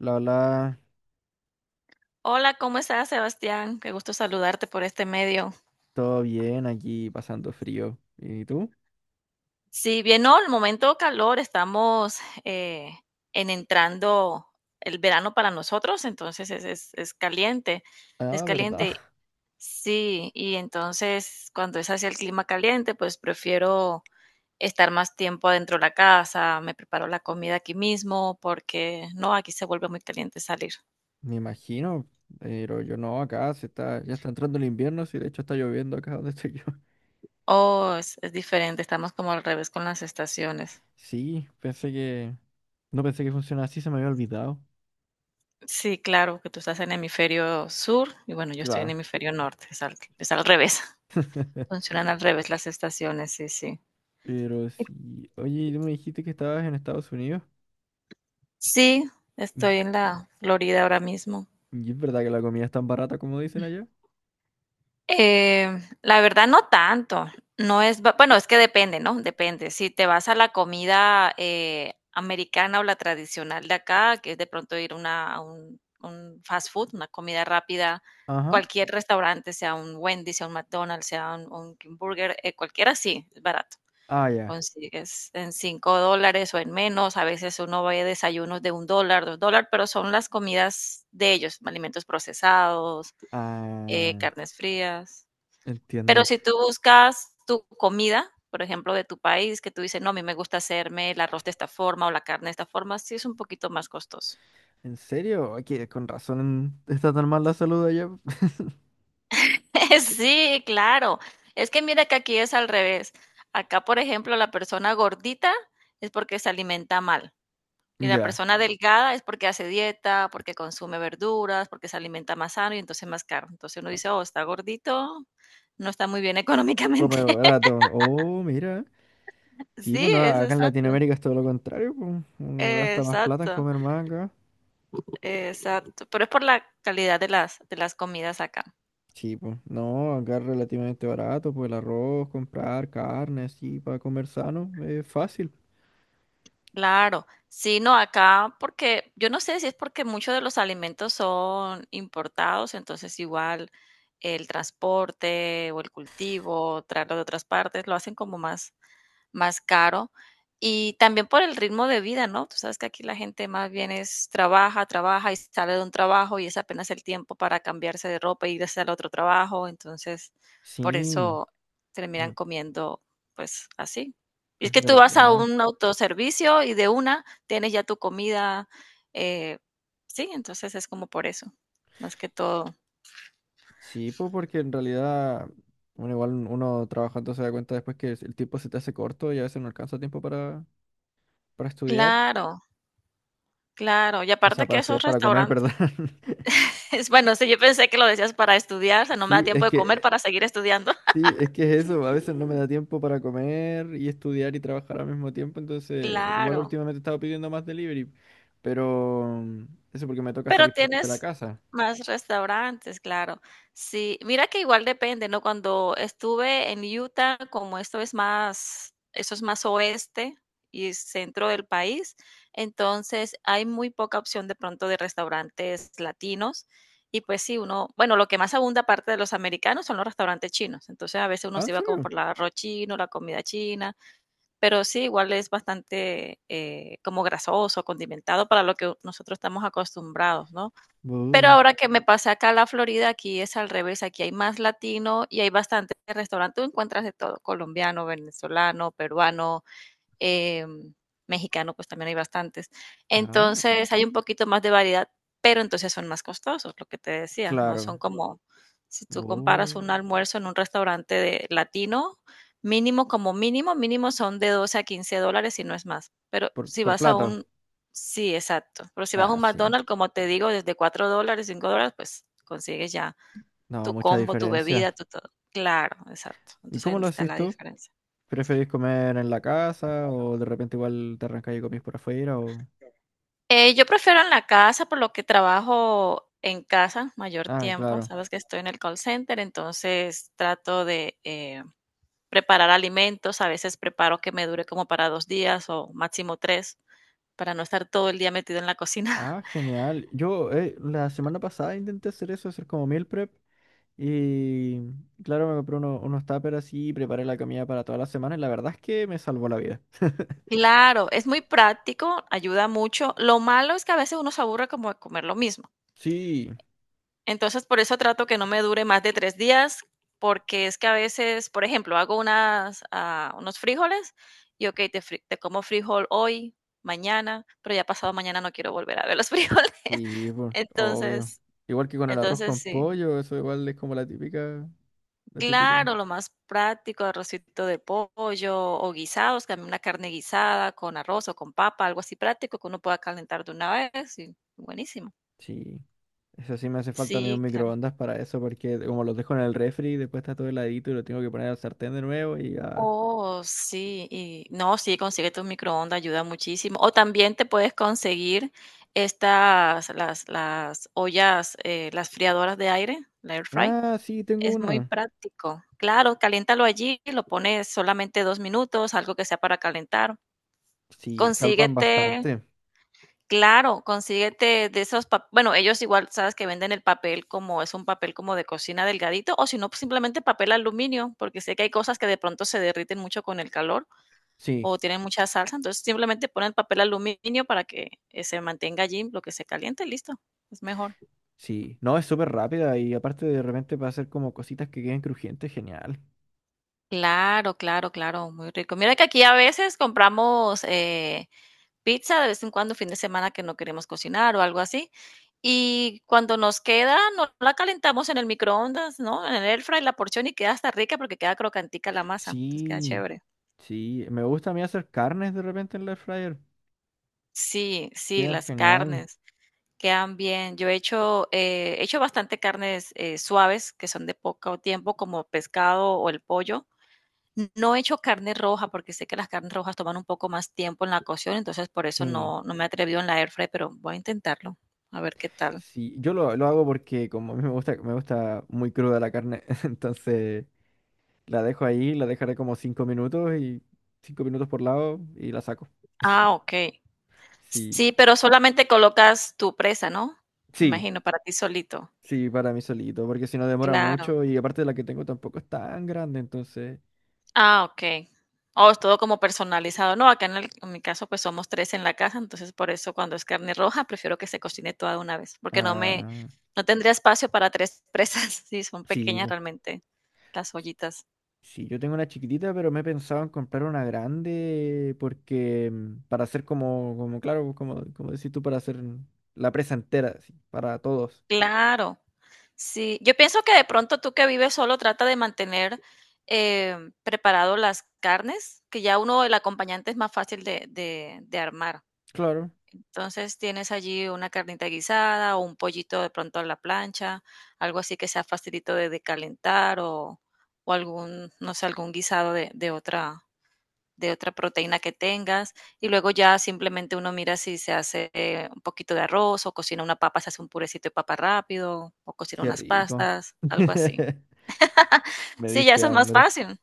La Hola, Hola, ¿cómo estás, Sebastián? Qué gusto saludarte por este medio. todo bien aquí pasando frío. ¿Y tú? Sí, bien, no, el momento calor, estamos eh, en entrando el verano para nosotros, entonces es caliente, es Ah, caliente, verdad. sí, y entonces cuando es hacia el clima caliente, pues prefiero estar más tiempo adentro de la casa, me preparo la comida aquí mismo, porque no, aquí se vuelve muy caliente salir. Me imagino, pero yo no, acá se está, ya está entrando el invierno, sí, de hecho está lloviendo acá donde estoy yo. Oh, es diferente, estamos como al revés con las estaciones. Sí, no pensé que funcionaba así, se me había olvidado. Sí, claro, que tú estás en hemisferio sur y bueno, yo estoy en Claro. hemisferio norte, es al revés, funcionan al revés las estaciones, sí, sí. Pero Y sí, oye, ¿y tú me dijiste que estabas en Estados Unidos? sí, Mm. estoy en la Florida ahora mismo. ¿Y es verdad que la comida es tan barata como dicen allá? Eh, la verdad no tanto, no es, ba bueno, es que depende, ¿no? Depende. Si te vas a la comida, americana o la tradicional de acá, que es de pronto ir una a un fast food, una comida rápida, Ajá. cualquier restaurante, sea un Wendy, sea un McDonald's, sea un King Burger, cualquiera sí, es barato. Ah, ya. Consigues en $5 o en menos, a veces uno ve desayunos de $1, $2, pero son las comidas de ellos, alimentos procesados, Ah, carnes frías. Pero entiendo. si tú buscas tu comida, por ejemplo, de tu país, que tú dices: "No, a mí me gusta hacerme el arroz de esta forma o la carne de esta forma", sí es un poquito más costoso. ¿En serio? Ay, que con razón está tan mal la salud allá. Sí, claro. Es que mira que aquí es al revés. Acá, por ejemplo, la persona gordita es porque se alimenta mal, y la Ya. persona delgada es porque hace dieta, porque consume verduras, porque se alimenta más sano y entonces más caro. Entonces uno dice: "Oh, está gordito, no está muy bien económicamente". Come barato. Oh, mira. Sí, Sí, pues no, es acá en exacto. Latinoamérica es todo lo contrario, pues. Uno gasta más plata en Exacto. comer más acá. Exacto, pero es por la calidad de las comidas acá. Sí, pues. No, acá es relativamente barato, pues el arroz, comprar carne, así, para comer sano, es fácil. Claro, sí, no, acá porque yo no sé si es porque muchos de los alimentos son importados, entonces igual el transporte o el cultivo, traerlo de otras partes, lo hacen como más, más caro. Y también por el ritmo de vida, ¿no? Tú sabes que aquí la gente más bien es trabaja, trabaja y sale de un trabajo y es apenas el tiempo para cambiarse de ropa y irse al otro trabajo. Entonces, por Sí, eso terminan eh, comiendo, pues así. Y es es que tú vas a verdad. un autoservicio y de una tienes ya tu comida. eh, sí entonces es como por eso, más que todo. Sí, pues porque en realidad, bueno, igual uno trabajando se da cuenta después que el tiempo se te hace corto y a veces no alcanza tiempo para estudiar. Claro, claro. Y O sea, aparte para que estudiar, esos para comer, perdón. restaurantes. Es bueno, sí, yo pensé que lo decías para estudiar, o sea, no me da Sí, tiempo es de comer que para seguir estudiando. Sí, es que es eso, a veces no me da tiempo para comer y estudiar y trabajar al mismo tiempo, entonces igual Claro, últimamente he estado pidiendo más delivery, pero eso porque me toca pero salir poco de la tienes casa. más restaurantes, claro. Sí, mira que igual depende, ¿no? Cuando estuve en Utah, como esto es más, eso es más oeste y centro del país, entonces hay muy poca opción de pronto de restaurantes latinos. Y pues sí, uno, bueno, lo que más abunda aparte de los americanos son los restaurantes chinos. Entonces a veces uno ¿Ah, en se iba como serio? por el arroz chino, la comida china. Pero sí, igual es bastante como grasoso, condimentado para lo que nosotros estamos acostumbrados, ¿no? Pero Bu. ahora que me pasé acá a la Florida, aquí es al revés, aquí hay más latino y hay bastante restaurante, tú encuentras de todo, colombiano, venezolano, peruano, eh, mexicano pues también hay bastantes. Ah, Entonces hay un poquito más de variedad, pero entonces son más costosos, lo que te decía, no claro. son como si tú comparas Bu. un almuerzo en un restaurante de latino, mínimo como mínimo, mínimo son de $12 a $15 y no es más. Pero Por, si por vas a plato. un, sí, exacto, pero si vas a Ah, un sí. McDonald's, como te digo, desde $4, $5, pues consigues ya No, tu mucha combo, tu diferencia. bebida, tu todo. Claro, exacto. ¿Y Entonces ahí cómo donde lo está haces la tú? diferencia. ¿Preferís comer en la casa o de repente igual te arrancas y comís por afuera o...? Yo prefiero en la casa, por lo que trabajo en casa mayor Ah, tiempo. claro. Sabes que estoy en el call center, entonces trato de preparar alimentos. A veces preparo que me dure como para 2 días o máximo tres, para no estar todo el día metido en la cocina. Ah, genial. Yo la semana pasada intenté hacer eso, hacer como meal prep. Y claro, me compré unos tuppers así y preparé la comida para toda la semana. Y la verdad es que me salvó la vida. Claro, es muy práctico, ayuda mucho. Lo malo es que a veces uno se aburre como de comer lo mismo. Sí, Entonces, por eso trato que no me dure más de 3 días, porque es que a veces, por ejemplo, hago unos frijoles y, okey, te como frijol hoy, mañana, pero ya pasado mañana no quiero volver a ver los frijoles. sí, pues, obvio. Entonces Igual que con el arroz entonces con sí. pollo, eso igual es como la típica, la típica. Claro, lo más práctico, arrocito de pollo o guisados, también una carne guisada con arroz o con papa, algo así práctico que uno pueda calentar de una vez y buenísimo. Sí, eso sí me hace falta a mí un Sí, claro. microondas para eso, porque como los dejo en el refri, después está todo heladito y lo tengo que poner al sartén de nuevo y ya. Oh, sí, y no, sí, consíguete un microondas, ayuda muchísimo. O también te puedes conseguir estas, las ollas, las friadoras de aire, la air fry. Ah, sí, tengo Es muy una. práctico. Claro, caliéntalo allí, lo pones solamente 2 minutos, algo que sea para calentar. Sí, salvan Consíguete, bastante. claro, consíguete de esos, bueno, ellos igual sabes que venden el papel como es un papel como de cocina delgadito, o si no, pues, simplemente papel aluminio, porque sé que hay cosas que de pronto se derriten mucho con el calor Sí, o tienen mucha salsa, entonces simplemente ponen papel aluminio para que se mantenga allí lo que se caliente, listo, es mejor. sí. No, es súper rápida y aparte de repente para hacer como cositas que queden crujientes, genial. Claro, claro, claro, muy rico. Mira que aquí a veces compramos pizza de vez en cuando, fin de semana que no queremos cocinar o algo así, y cuando nos queda, no la calentamos en el microondas, ¿no? En el air fry la porción y queda hasta rica porque queda crocantica la masa, entonces queda Sí, chévere. sí, me gusta a mí hacer carnes de repente en la air fryer, Sí, sí, quedan las genial. carnes. Quedan bien. Yo he hecho bastante carnes suaves, que son de poco tiempo, como pescado o el pollo. No he hecho carne roja porque sé que las carnes rojas toman un poco más tiempo en la cocción, entonces por eso Sí, no, no me he atrevido en la air fry, pero voy a intentarlo, a ver qué tal. sí, yo lo hago porque como a mí me gusta muy cruda la carne, entonces la dejo ahí, la dejaré como 5 minutos y 5 minutos por lado y la saco. Ah, ok. Sí, Sí, pero solamente colocas tu presa, ¿no? Me sí, imagino, para ti solito. sí, para mí solito, porque si no demora Claro. mucho y aparte la que tengo tampoco es tan grande, entonces, Ah, okey. Oh, es todo como personalizado. No, acá en mi caso, pues, somos 3 en la casa, entonces, por eso cuando es carne roja, prefiero que se cocine toda de una vez, porque ah, no tendría espacio para 3 presas. Sí, son sí. pequeñas realmente las ollitas. Sí, yo tengo una chiquitita, pero me he pensado en comprar una grande porque para hacer como claro, como decís tú, para hacer la presa entera, así, para todos. Claro. Sí, yo pienso que de pronto tú que vives solo trata de mantener, preparado las carnes, que ya uno el acompañante es más fácil de armar. Claro, Entonces tienes allí una carnita guisada o un pollito de pronto a la plancha, algo así que sea facilito de calentar o algún, no sé, algún guisado de otra proteína que tengas. Y luego ya simplemente uno mira si se hace un poquito de arroz o cocina una papa, se hace un purecito de papa rápido o cocina qué unas rico. pastas, algo así. Me Sí, ya diste eso es más hambre. fácil.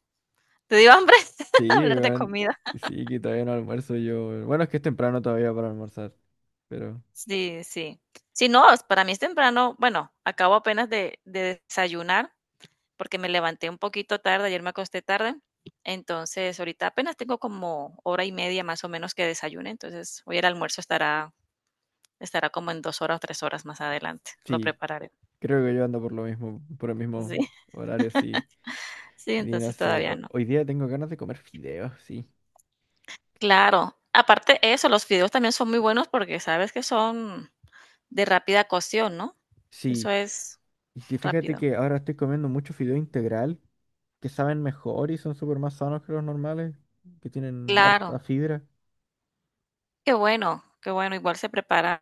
Te dio hambre Sí, hablar de weón. comida. Sí, que todavía no almuerzo yo. Weón. Bueno, es que es temprano todavía para almorzar, pero Sí, sí. Sí, no, para mí es temprano. Bueno, acabo apenas de desayunar porque me levanté un poquito tarde, ayer me acosté tarde. Entonces, ahorita apenas tengo como hora y media más o menos que desayune. Entonces, hoy el almuerzo estará como en 2 horas o 3 horas más adelante. Lo sí, prepararé. creo que yo ando por lo mismo, por el Sí, mismo horario, sí. sí, Y no entonces sé, todavía no. hoy día tengo ganas de comer fideos, sí. Claro. Aparte eso, los fideos también son muy buenos porque sabes que son de rápida cocción, ¿no? Eso Sí. es Y sí, fíjate rápido. que ahora estoy comiendo mucho fideo integral, que saben mejor y son súper más sanos que los normales, que tienen harta Claro. fibra. Qué bueno, igual se preparan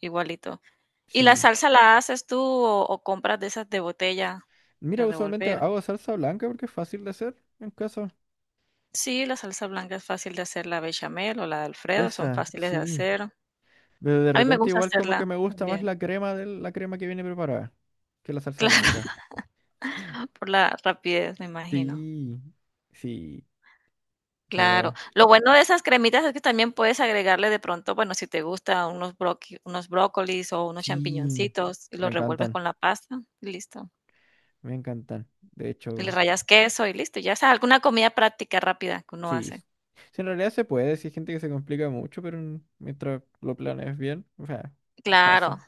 igualito. ¿Y la Sí. salsa la haces tú o compras de esas de botella Mira, para usualmente revolver? hago salsa blanca porque es fácil de hacer en casa. Sí, la salsa blanca es fácil de hacer, la bechamel o la de Alfredo son Esa, fáciles de sí. hacer. Pero de A mí me repente gusta igual como que hacerla me gusta más también. la crema de la crema que viene preparada que la salsa Claro, blanca. por la rapidez, me imagino. Sí, sí, Claro. pero Lo bueno de esas cremitas es que también puedes agregarle de pronto, bueno, si te gusta unos brócolis o unos sí, champiñoncitos y me los revuelves encantan, con la pasta y listo. me encantan. De Y le hecho, rayas queso y listo, ya sea alguna comida práctica rápida que uno sí. hace. Sí, en realidad se puede, sí hay gente que se complica mucho, pero mientras lo planees bien, o sea, fácil. Claro,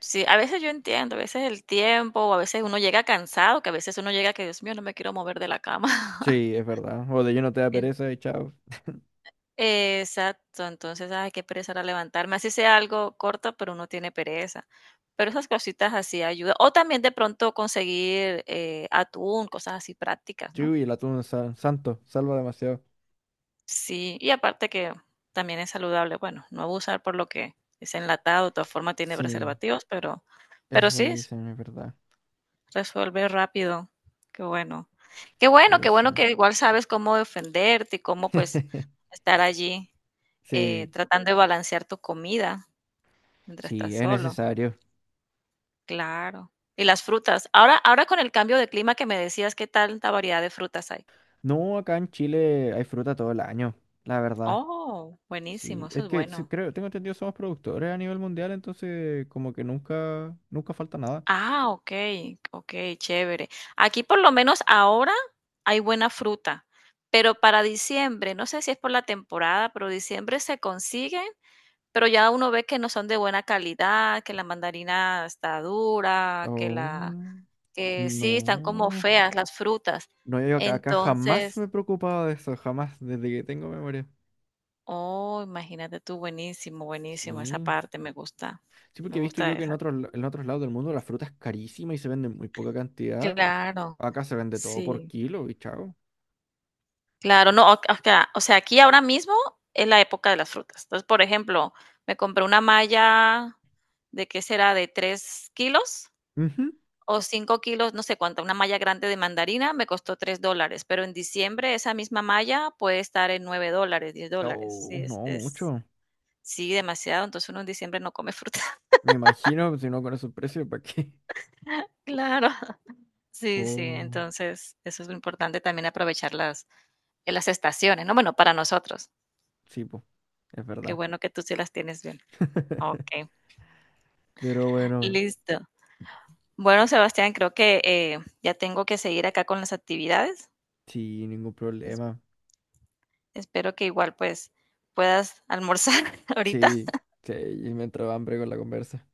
sí, a veces yo entiendo, a veces el tiempo, o a veces uno llega cansado, que a veces uno llega que, Dios mío, no me quiero mover de la cama. Sí, es verdad. O de lleno te da En- pereza y chao. Exacto, entonces, ay, qué pereza era levantarme, así sea algo corto, pero uno tiene pereza. Pero esas cositas así ayudan. O también de pronto conseguir atún, cosas así prácticas, ¿no? Chu, y el atún santo, salva demasiado. Sí, y aparte que también es saludable, bueno, no abusar por lo que es enlatado, de todas formas tiene Sí, preservativos, pero sí, eso s dicen, es verdad. resuelve rápido. Qué bueno. Qué bueno, Pero qué sí. bueno que igual sabes cómo defenderte y cómo, pues, estar allí, Sí, tratando de balancear tu comida mientras estás sí, es solo. necesario. Claro. Y las frutas. Ahora con el cambio de clima que me decías, ¿qué tanta variedad de frutas hay? No, acá en Chile hay fruta todo el año, la verdad. Oh, buenísimo, Sí, eso es es que sí, bueno. creo, tengo entendido, somos productores a nivel mundial, entonces como que nunca, nunca falta nada. Ah, okey, okey, chévere. Aquí, por lo menos ahora, hay buena fruta, pero para diciembre, no sé si es por la temporada, pero diciembre se consiguen, pero ya uno ve que no son de buena calidad, que la mandarina está dura, Oh, que sí, están como no. feas las frutas. No, yo acá jamás Entonces me he preocupado de eso, jamás, desde que tengo memoria. oh, imagínate tú, buenísimo, buenísimo, esa Sí. parte Sí, porque me he visto gusta yo que en esa. otros, en otros lados del mundo la fruta es carísima y se vende en muy poca cantidad. Claro, Acá se vende todo por sí. kilo y chao. Claro, no, o acá, o sea, aquí ahora mismo es la época de las frutas. Entonces, por ejemplo, me compré una malla de qué será, de 3 kilos Ujú. o 5 kilos, no sé cuánto, una malla grande de mandarina me costó $3, pero en diciembre esa misma malla puede estar en $9, $10. Sí, Oh, no, es mucho. sí, demasiado. Entonces uno en diciembre no come fruta. Me imagino, si no con esos precios, ¿para qué? Claro, sí, sí. Oh, Entonces, eso es lo importante también aprovechar las estaciones, ¿no? Bueno, para nosotros. sí, pues, es Qué verdad. bueno que tú sí las tienes bien. Ok. Pero bueno, Listo. Bueno, Sebastián, creo que ya tengo que seguir acá con las actividades. sí, ningún Es- problema. espero que igual pues puedas almorzar ahorita. Sí, sí, y me entró hambre con la conversa.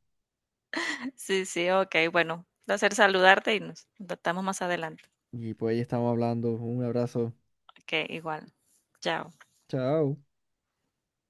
Sí, sí, ok, bueno. Un placer saludarte y nos tratamos más adelante. Y pues ahí estamos hablando. Un abrazo. Ok, igual. Chao. Chao.